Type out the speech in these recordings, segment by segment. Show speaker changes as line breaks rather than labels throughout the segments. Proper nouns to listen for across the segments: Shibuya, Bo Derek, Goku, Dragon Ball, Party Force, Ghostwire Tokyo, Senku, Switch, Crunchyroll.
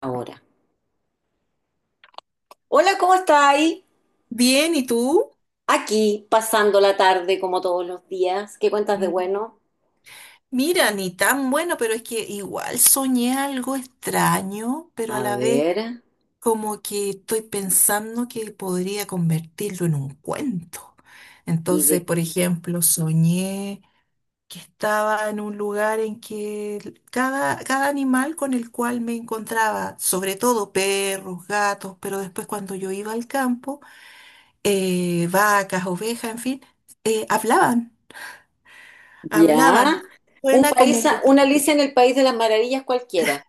Ahora. Hola, ¿cómo estáis?
Bien, ¿y tú?
Aquí, pasando la tarde como todos los días. ¿Qué cuentas de
Mm.
bueno?
Mira, ni tan bueno, pero es que igual soñé algo extraño, pero
A
a la vez
ver,
como que estoy pensando que podría convertirlo en un cuento.
y
Entonces,
de
por ejemplo, soñé que estaba en un lugar en que cada animal con el cual me encontraba, sobre todo perros, gatos, pero después cuando yo iba al campo, vacas, ovejas, en fin, hablaban.
ya.
Hablaban.
Un
Suena como
país,
un poquito.
una Alicia en el País de las Maravillas cualquiera.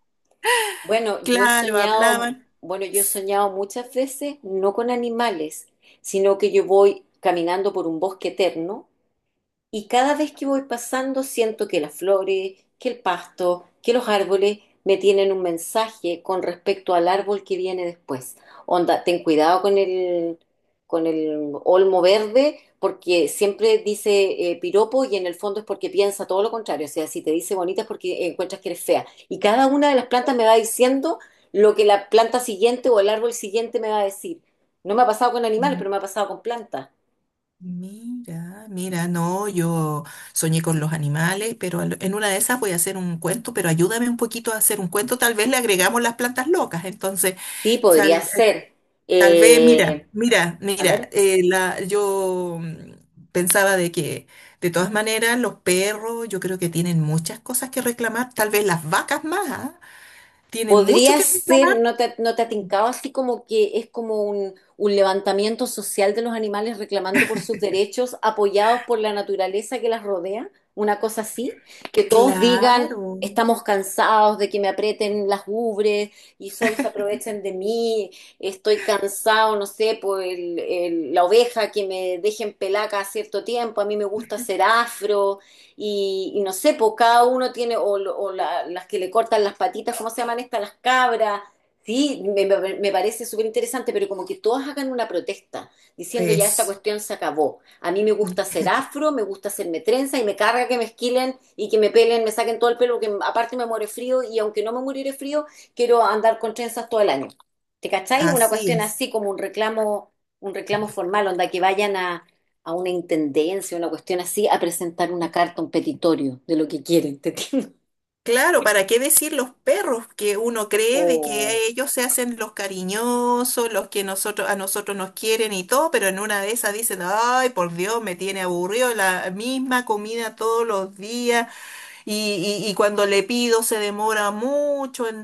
Bueno, yo he
Claro,
soñado,
hablaban.
bueno, yo he soñado muchas veces, no con animales, sino que yo voy caminando por un bosque eterno. Y cada vez que voy pasando siento que las flores, que el pasto, que los árboles me tienen un mensaje con respecto al árbol que viene después. Onda, ten cuidado con el olmo verde porque siempre dice piropo y en el fondo es porque piensa todo lo contrario. O sea, si te dice bonita es porque encuentras que eres fea. Y cada una de las plantas me va diciendo lo que la planta siguiente o el árbol siguiente me va a decir. No me ha pasado con animales,
Mm,
pero me ha pasado con plantas.
Mira, mira, no, yo soñé con los animales, pero en una de esas voy a hacer un cuento, pero ayúdame un poquito a hacer un cuento, tal vez le agregamos las plantas locas. Entonces,
Sí, podría
tal, eh,
ser.
tal vez,
Eh,
mira, mira,
a
mira,
ver,
yo pensaba de que, de todas maneras, los perros, yo creo que tienen muchas cosas que reclamar, tal vez las vacas más, ¿ah? Tienen mucho
podría
que
ser,
reclamar.
¿ no te ha tincado así como que es como un levantamiento social de los animales reclamando por sus derechos, apoyados por la naturaleza que las rodea? Una cosa así, que todos digan,
Claro.
estamos cansados de que me aprieten las ubres y solo se aprovechen de mí, estoy cansado, no sé, por la oveja que me dejen pelaca a cierto tiempo, a mí me gusta ser afro. Y no sé, pues cada uno tiene, o las que le cortan las patitas, ¿cómo se llaman estas? Las cabras. Sí, me parece súper interesante, pero como que todas hagan una protesta, diciendo ya esta
Eso,
cuestión se acabó. A mí me gusta ser afro, me gusta hacerme trenza y me carga que me esquilen y que me pelen, me saquen todo el pelo, porque aparte me muere frío y aunque no me muere frío, quiero andar con trenzas todo el año. ¿Te cacháis? Una
así
cuestión
es.
así como un reclamo formal, onda que vayan a una intendencia, una cuestión así, a presentar una carta, un petitorio de lo que quieren, ¿te entiendes?
Claro, ¿para qué decir los perros que uno cree de
O
que ellos se hacen los cariñosos, los que nosotros a nosotros nos quieren y todo, pero en una de esas dicen, ay, por Dios, me tiene aburrido la misma comida todos los días y cuando le pido se demora mucho en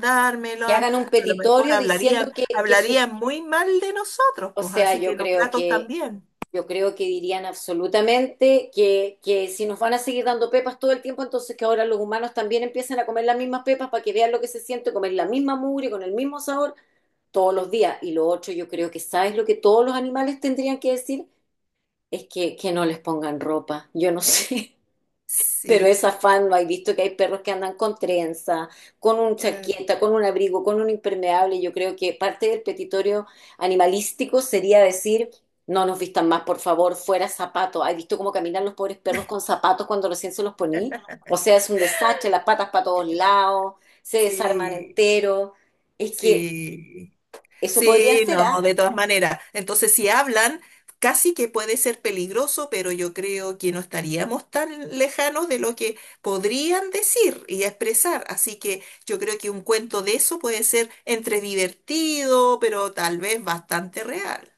que
dármela?
hagan un
A lo mejor
petitorio diciendo
hablarían,
que su,
hablarían muy mal de nosotros,
o
pues
sea,
así que los gatos también.
yo creo que dirían absolutamente que si nos van a seguir dando pepas todo el tiempo, entonces que ahora los humanos también empiecen a comer las mismas pepas para que vean lo que se siente, comer la misma mugre con el mismo sabor todos los días. Y lo otro, yo creo que, ¿sabes lo que todos los animales tendrían que decir? Que no les pongan ropa. Yo no sé. Pero
Sí,
es afán, ¿no hay visto que hay perros que andan con trenza, con un
claro.
chaqueta, con un abrigo, con un impermeable? Yo creo que parte del petitorio animalístico sería decir, no nos vistan más, por favor, fuera zapato. ¿Hay visto cómo caminan los pobres perros con zapatos cuando recién se los poní? O sea, es un desastre, las patas para todos lados, se desarman
Sí,
entero. Es que
sí.
eso podría
Sí,
ser, ¿ah?
no, de todas maneras. Entonces, si hablan, casi que puede ser peligroso, pero yo creo que no estaríamos tan lejanos de lo que podrían decir y expresar. Así que yo creo que un cuento de eso puede ser entre divertido, pero tal vez bastante real.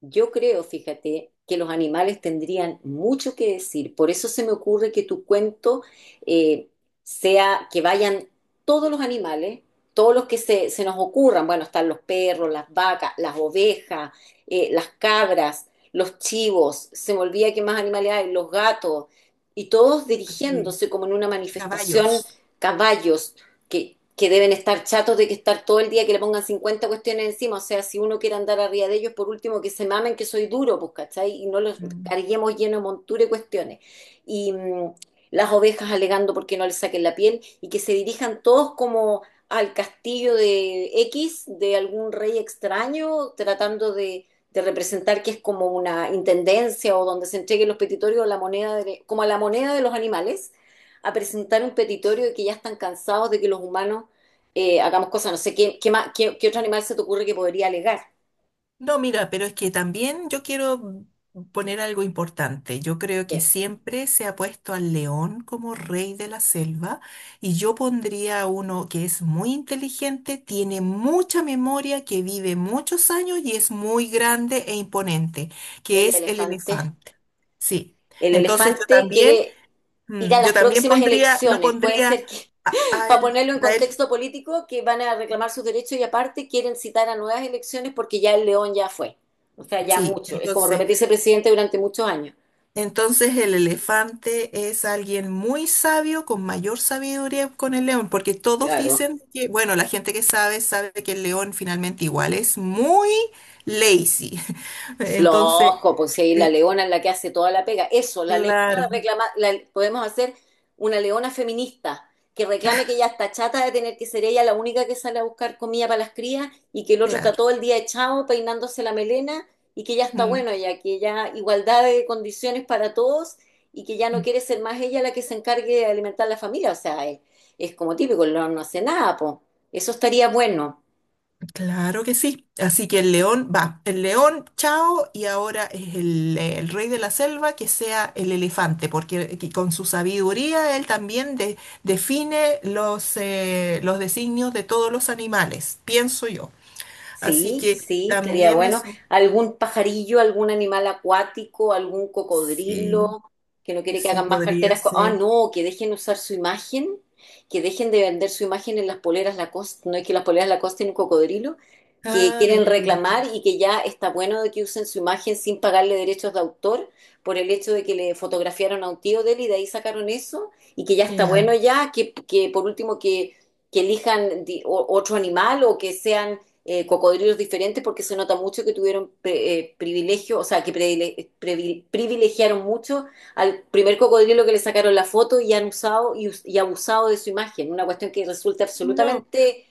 Yo creo, fíjate, que los animales tendrían mucho que decir. Por eso se me ocurre que tu cuento eh, sea que vayan todos los animales, todos los que se nos ocurran. Bueno, están los perros, las vacas, las ovejas, las cabras, los chivos, se me olvida que más animales hay, los gatos, y todos
Sí.
dirigiéndose como en una manifestación,
Caballos.
caballos, que deben estar chatos de que estar todo el día que le pongan 50 cuestiones encima. O sea, si uno quiere andar arriba de ellos, por último, que se mamen que soy duro, pues, ¿cachai? Y no los
Mm.
carguemos lleno de montura y cuestiones. Y las ovejas alegando porque no les saquen la piel y que se dirijan todos como al castillo de X, de algún rey extraño, tratando de representar que es como una intendencia o donde se entreguen los petitorios, la como a la moneda de los animales a presentar un petitorio de que ya están cansados de que los humanos hagamos cosas. No sé, ¿ qué otro animal se te ocurre que podría alegar?
No, mira, pero es que también yo quiero poner algo importante. Yo creo que
¿Qué?
siempre se ha puesto al león como rey de la selva y yo pondría a uno que es muy inteligente, tiene mucha memoria, que vive muchos años y es muy grande e imponente, que
El
es el
elefante.
elefante. Sí.
El
Entonces yo
elefante
también,
quiere ir a
yo
las
también
próximas
pondría, lo
elecciones. Puede
pondría
ser que,
a
para
él,
ponerlo en
a él.
contexto político, que van a reclamar sus derechos y aparte quieren citar a nuevas elecciones porque ya el león ya fue. O sea, ya
Sí,
mucho. Es como
entonces.
repetirse presidente durante muchos años.
Entonces el elefante es alguien muy sabio, con mayor sabiduría con el león, porque todos
Claro.
dicen que, bueno, la gente que sabe sabe que el león finalmente igual es muy lazy. Entonces,
Flojo, pues si ahí la
eh,
leona es la que hace toda la pega. Eso, la leona
claro,
reclama, podemos hacer una leona feminista que reclame que ella está chata de tener que ser ella la única que sale a buscar comida para las crías y que el otro está
claro.
todo el día echado peinándose la melena y que ya está
Mm.
bueno ya, que ya igualdad de condiciones para todos y que ya no quiere ser más ella la que se encargue de alimentar la familia. O sea, es como típico, el león no hace nada, pues. Eso estaría bueno.
Claro que sí. Así que el león va. El león, chao, y ahora es el rey de la selva que sea el elefante, porque que con su sabiduría él también define los designios de todos los animales, pienso yo. Así
Sí,
que
sí, estaría
también
bueno.
eso
¿Algún pajarillo, algún animal acuático, algún
sí,
cocodrilo que no quiere que
sí
hagan más
podría
carteras? Ah,
ser.
no, que dejen usar su imagen, que dejen de vender su imagen en las poleras Lacoste. No, es que las poleras Lacoste tienen un cocodrilo, que
Ah, de
quieren
veras,
reclamar y que ya está bueno de que usen su imagen sin pagarle derechos de autor por el hecho de que le fotografiaron a un tío de él y de ahí sacaron eso y que ya está bueno
claro.
ya, que por último que elijan otro animal o que sean cocodrilos diferentes porque se nota mucho que tuvieron privilegio, o sea, que privilegiaron mucho al primer cocodrilo que le sacaron la foto y han usado y y abusado de su imagen, una cuestión que resulta
No.
absolutamente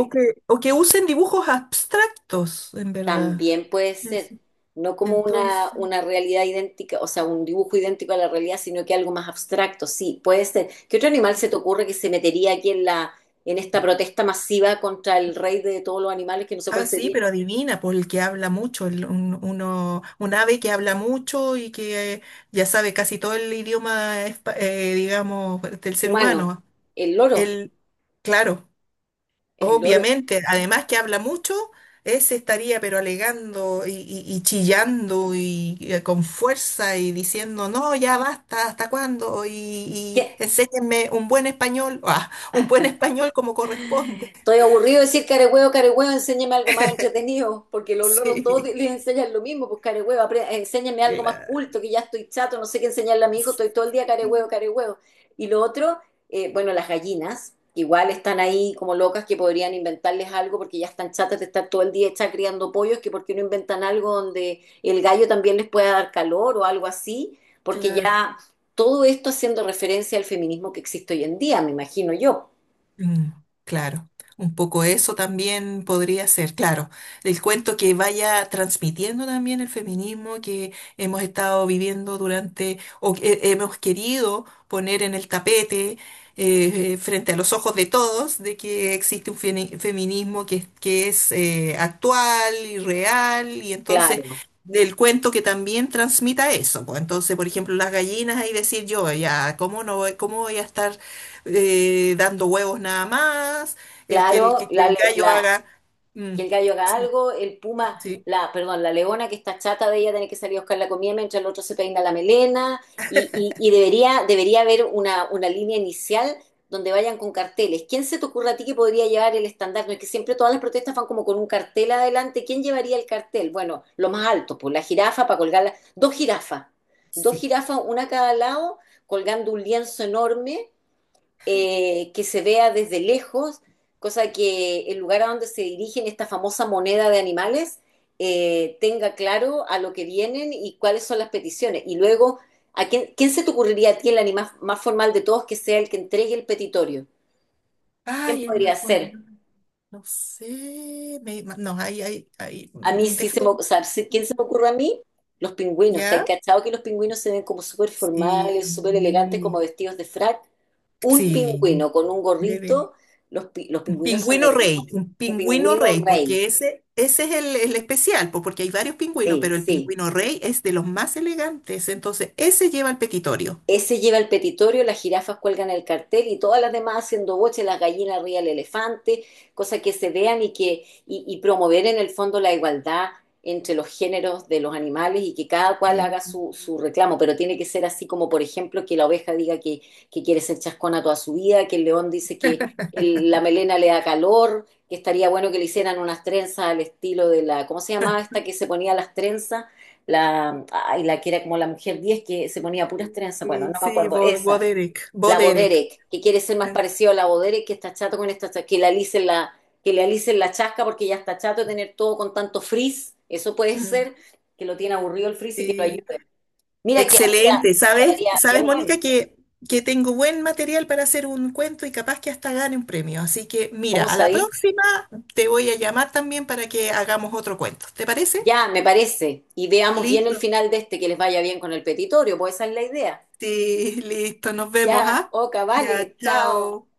O que, o que usen dibujos abstractos, en verdad.
también puede ser,
Eso.
no como
Entonces.
una realidad idéntica, o sea, un dibujo idéntico a la realidad, sino que algo más abstracto, sí, puede ser. ¿Qué otro animal se te ocurre que se metería aquí en esta protesta masiva contra el rey de todos los animales que no sé cuál
Ah, sí,
sería?
pero adivina, por el que habla mucho, un ave que habla mucho y que ya sabe casi todo el idioma, digamos, del ser
Humano,
humano.
el loro,
Él, claro,
el loro.
obviamente, además que habla mucho, ese estaría pero alegando y chillando y, con fuerza y diciendo, no, ya basta, ¿hasta cuándo? Y
¿Qué-
enséñenme un buen español, ah, un buen español como corresponde.
Estoy aburrido de decir carehuevo, carehuevo, enséñame algo más entretenido, porque los loros todos
Sí,
les enseñan lo mismo, pues carehuevo, enséñame algo más culto,
claro.
que ya estoy chato, no sé qué enseñarle a mi hijo, estoy todo el día carehuevo, carehuevo. Y lo otro, bueno, las gallinas, que igual están ahí como locas que podrían inventarles algo porque ya están chatas de estar todo el día hechas criando pollos, que por qué no inventan algo donde el gallo también les pueda dar calor o algo así, porque
Claro,
ya todo esto haciendo referencia al feminismo que existe hoy en día, me imagino yo.
mm, claro. Un poco eso también podría ser, claro. El cuento que vaya transmitiendo también el feminismo que hemos estado viviendo durante, o que hemos querido poner en el tapete, frente a los ojos de todos, de que existe un feminismo que es actual y real, y entonces
Claro.
del cuento que también transmita eso. Pues entonces, por ejemplo, las gallinas, ahí decir yo, ya, ¿cómo no voy, cómo voy a estar dando huevos nada más, el,
Claro,
que el gallo haga...? mm,
que el gallo haga
sí,
algo, el puma,
sí,
la, perdón, la leona que está chata de ella tiene que salir a buscar la comida mientras el otro se peina la melena y, y debería, debería haber una línea inicial donde vayan con carteles. ¿Quién se te ocurre a ti que podría llevar el estandarte? No, es que siempre todas las protestas van como con un cartel adelante. ¿Quién llevaría el cartel? Bueno, lo más alto, pues la jirafa para colgarla, dos
sí.
jirafas, una a cada lado, colgando un lienzo enorme que se vea desde lejos, cosa que el lugar a donde se dirigen esta famosa moneda de animales tenga claro a lo que vienen y cuáles son las peticiones. Y luego, ¿ quién se te ocurriría a ti el animal más formal de todos que sea el que entregue el petitorio? ¿Quién
Ay, el
podría
más
ser?
bonito. No sé. No, ahí, ahí, ahí.
A mí sí se
Déjame.
me, o sea, sí, ¿quién se me ocurre a mí? Los pingüinos. ¿Te has
¿Ya?
cachado que los pingüinos se ven como súper formales, súper elegantes, como
Sí.
vestidos de frac? Un
Sí.
pingüino con un
Debe.
gorrito, los pingüinos son
Pingüino rey,
hermosos.
un
Un
pingüino
pingüino
rey,
rey.
porque ese es el especial, po, porque hay varios pingüinos,
Sí,
pero el
sí.
pingüino rey es de los más elegantes, entonces ese lleva el petitorio.
Ese lleva el petitorio, las jirafas cuelgan el cartel y todas las demás haciendo boche, las gallinas arriba del elefante, cosas que se vean y que y promover en el fondo la igualdad entre los géneros de los animales y que cada cual haga
Sí,
su reclamo, pero tiene que ser así como, por ejemplo, que la oveja diga que quiere ser chascona toda su vida, que el león dice que la melena le da calor, que estaría bueno que le hicieran unas trenzas al estilo de la, ¿cómo se llamaba esta que se ponía las trenzas? La, ay, la que era como la mujer 10 que se ponía puras trenzas, bueno, no
sí,
me
sí,
acuerdo,
Bo, Bo
esa,
Derek, Bo
la
Derek.
Boderek, que quiere ser más
Ah,
parecido a la Boderek, que está chato con esta, que le alicen la, que le alicen la chasca porque ya está chato de tener todo con tanto frizz, eso puede
mm,
ser, que lo tiene aburrido el frizz y que lo
sí.
ayude. Mira,
Excelente.
que
¿Sabes?
haría
¿Sabes,
bien bueno,
Mónica, que tengo buen material para hacer un cuento y capaz que hasta gane un premio? Así que mira,
¿cómo
a la
sabí?
próxima te voy a llamar también para que hagamos otro cuento. ¿Te parece?
Ya, me parece, y veamos bien el
Listo.
final de este, que les vaya bien con el petitorio, pues esa es la idea.
Sí, listo. Nos vemos,
Ya,
¿ah?
Oca,
Ya,
vale, chao.
chao.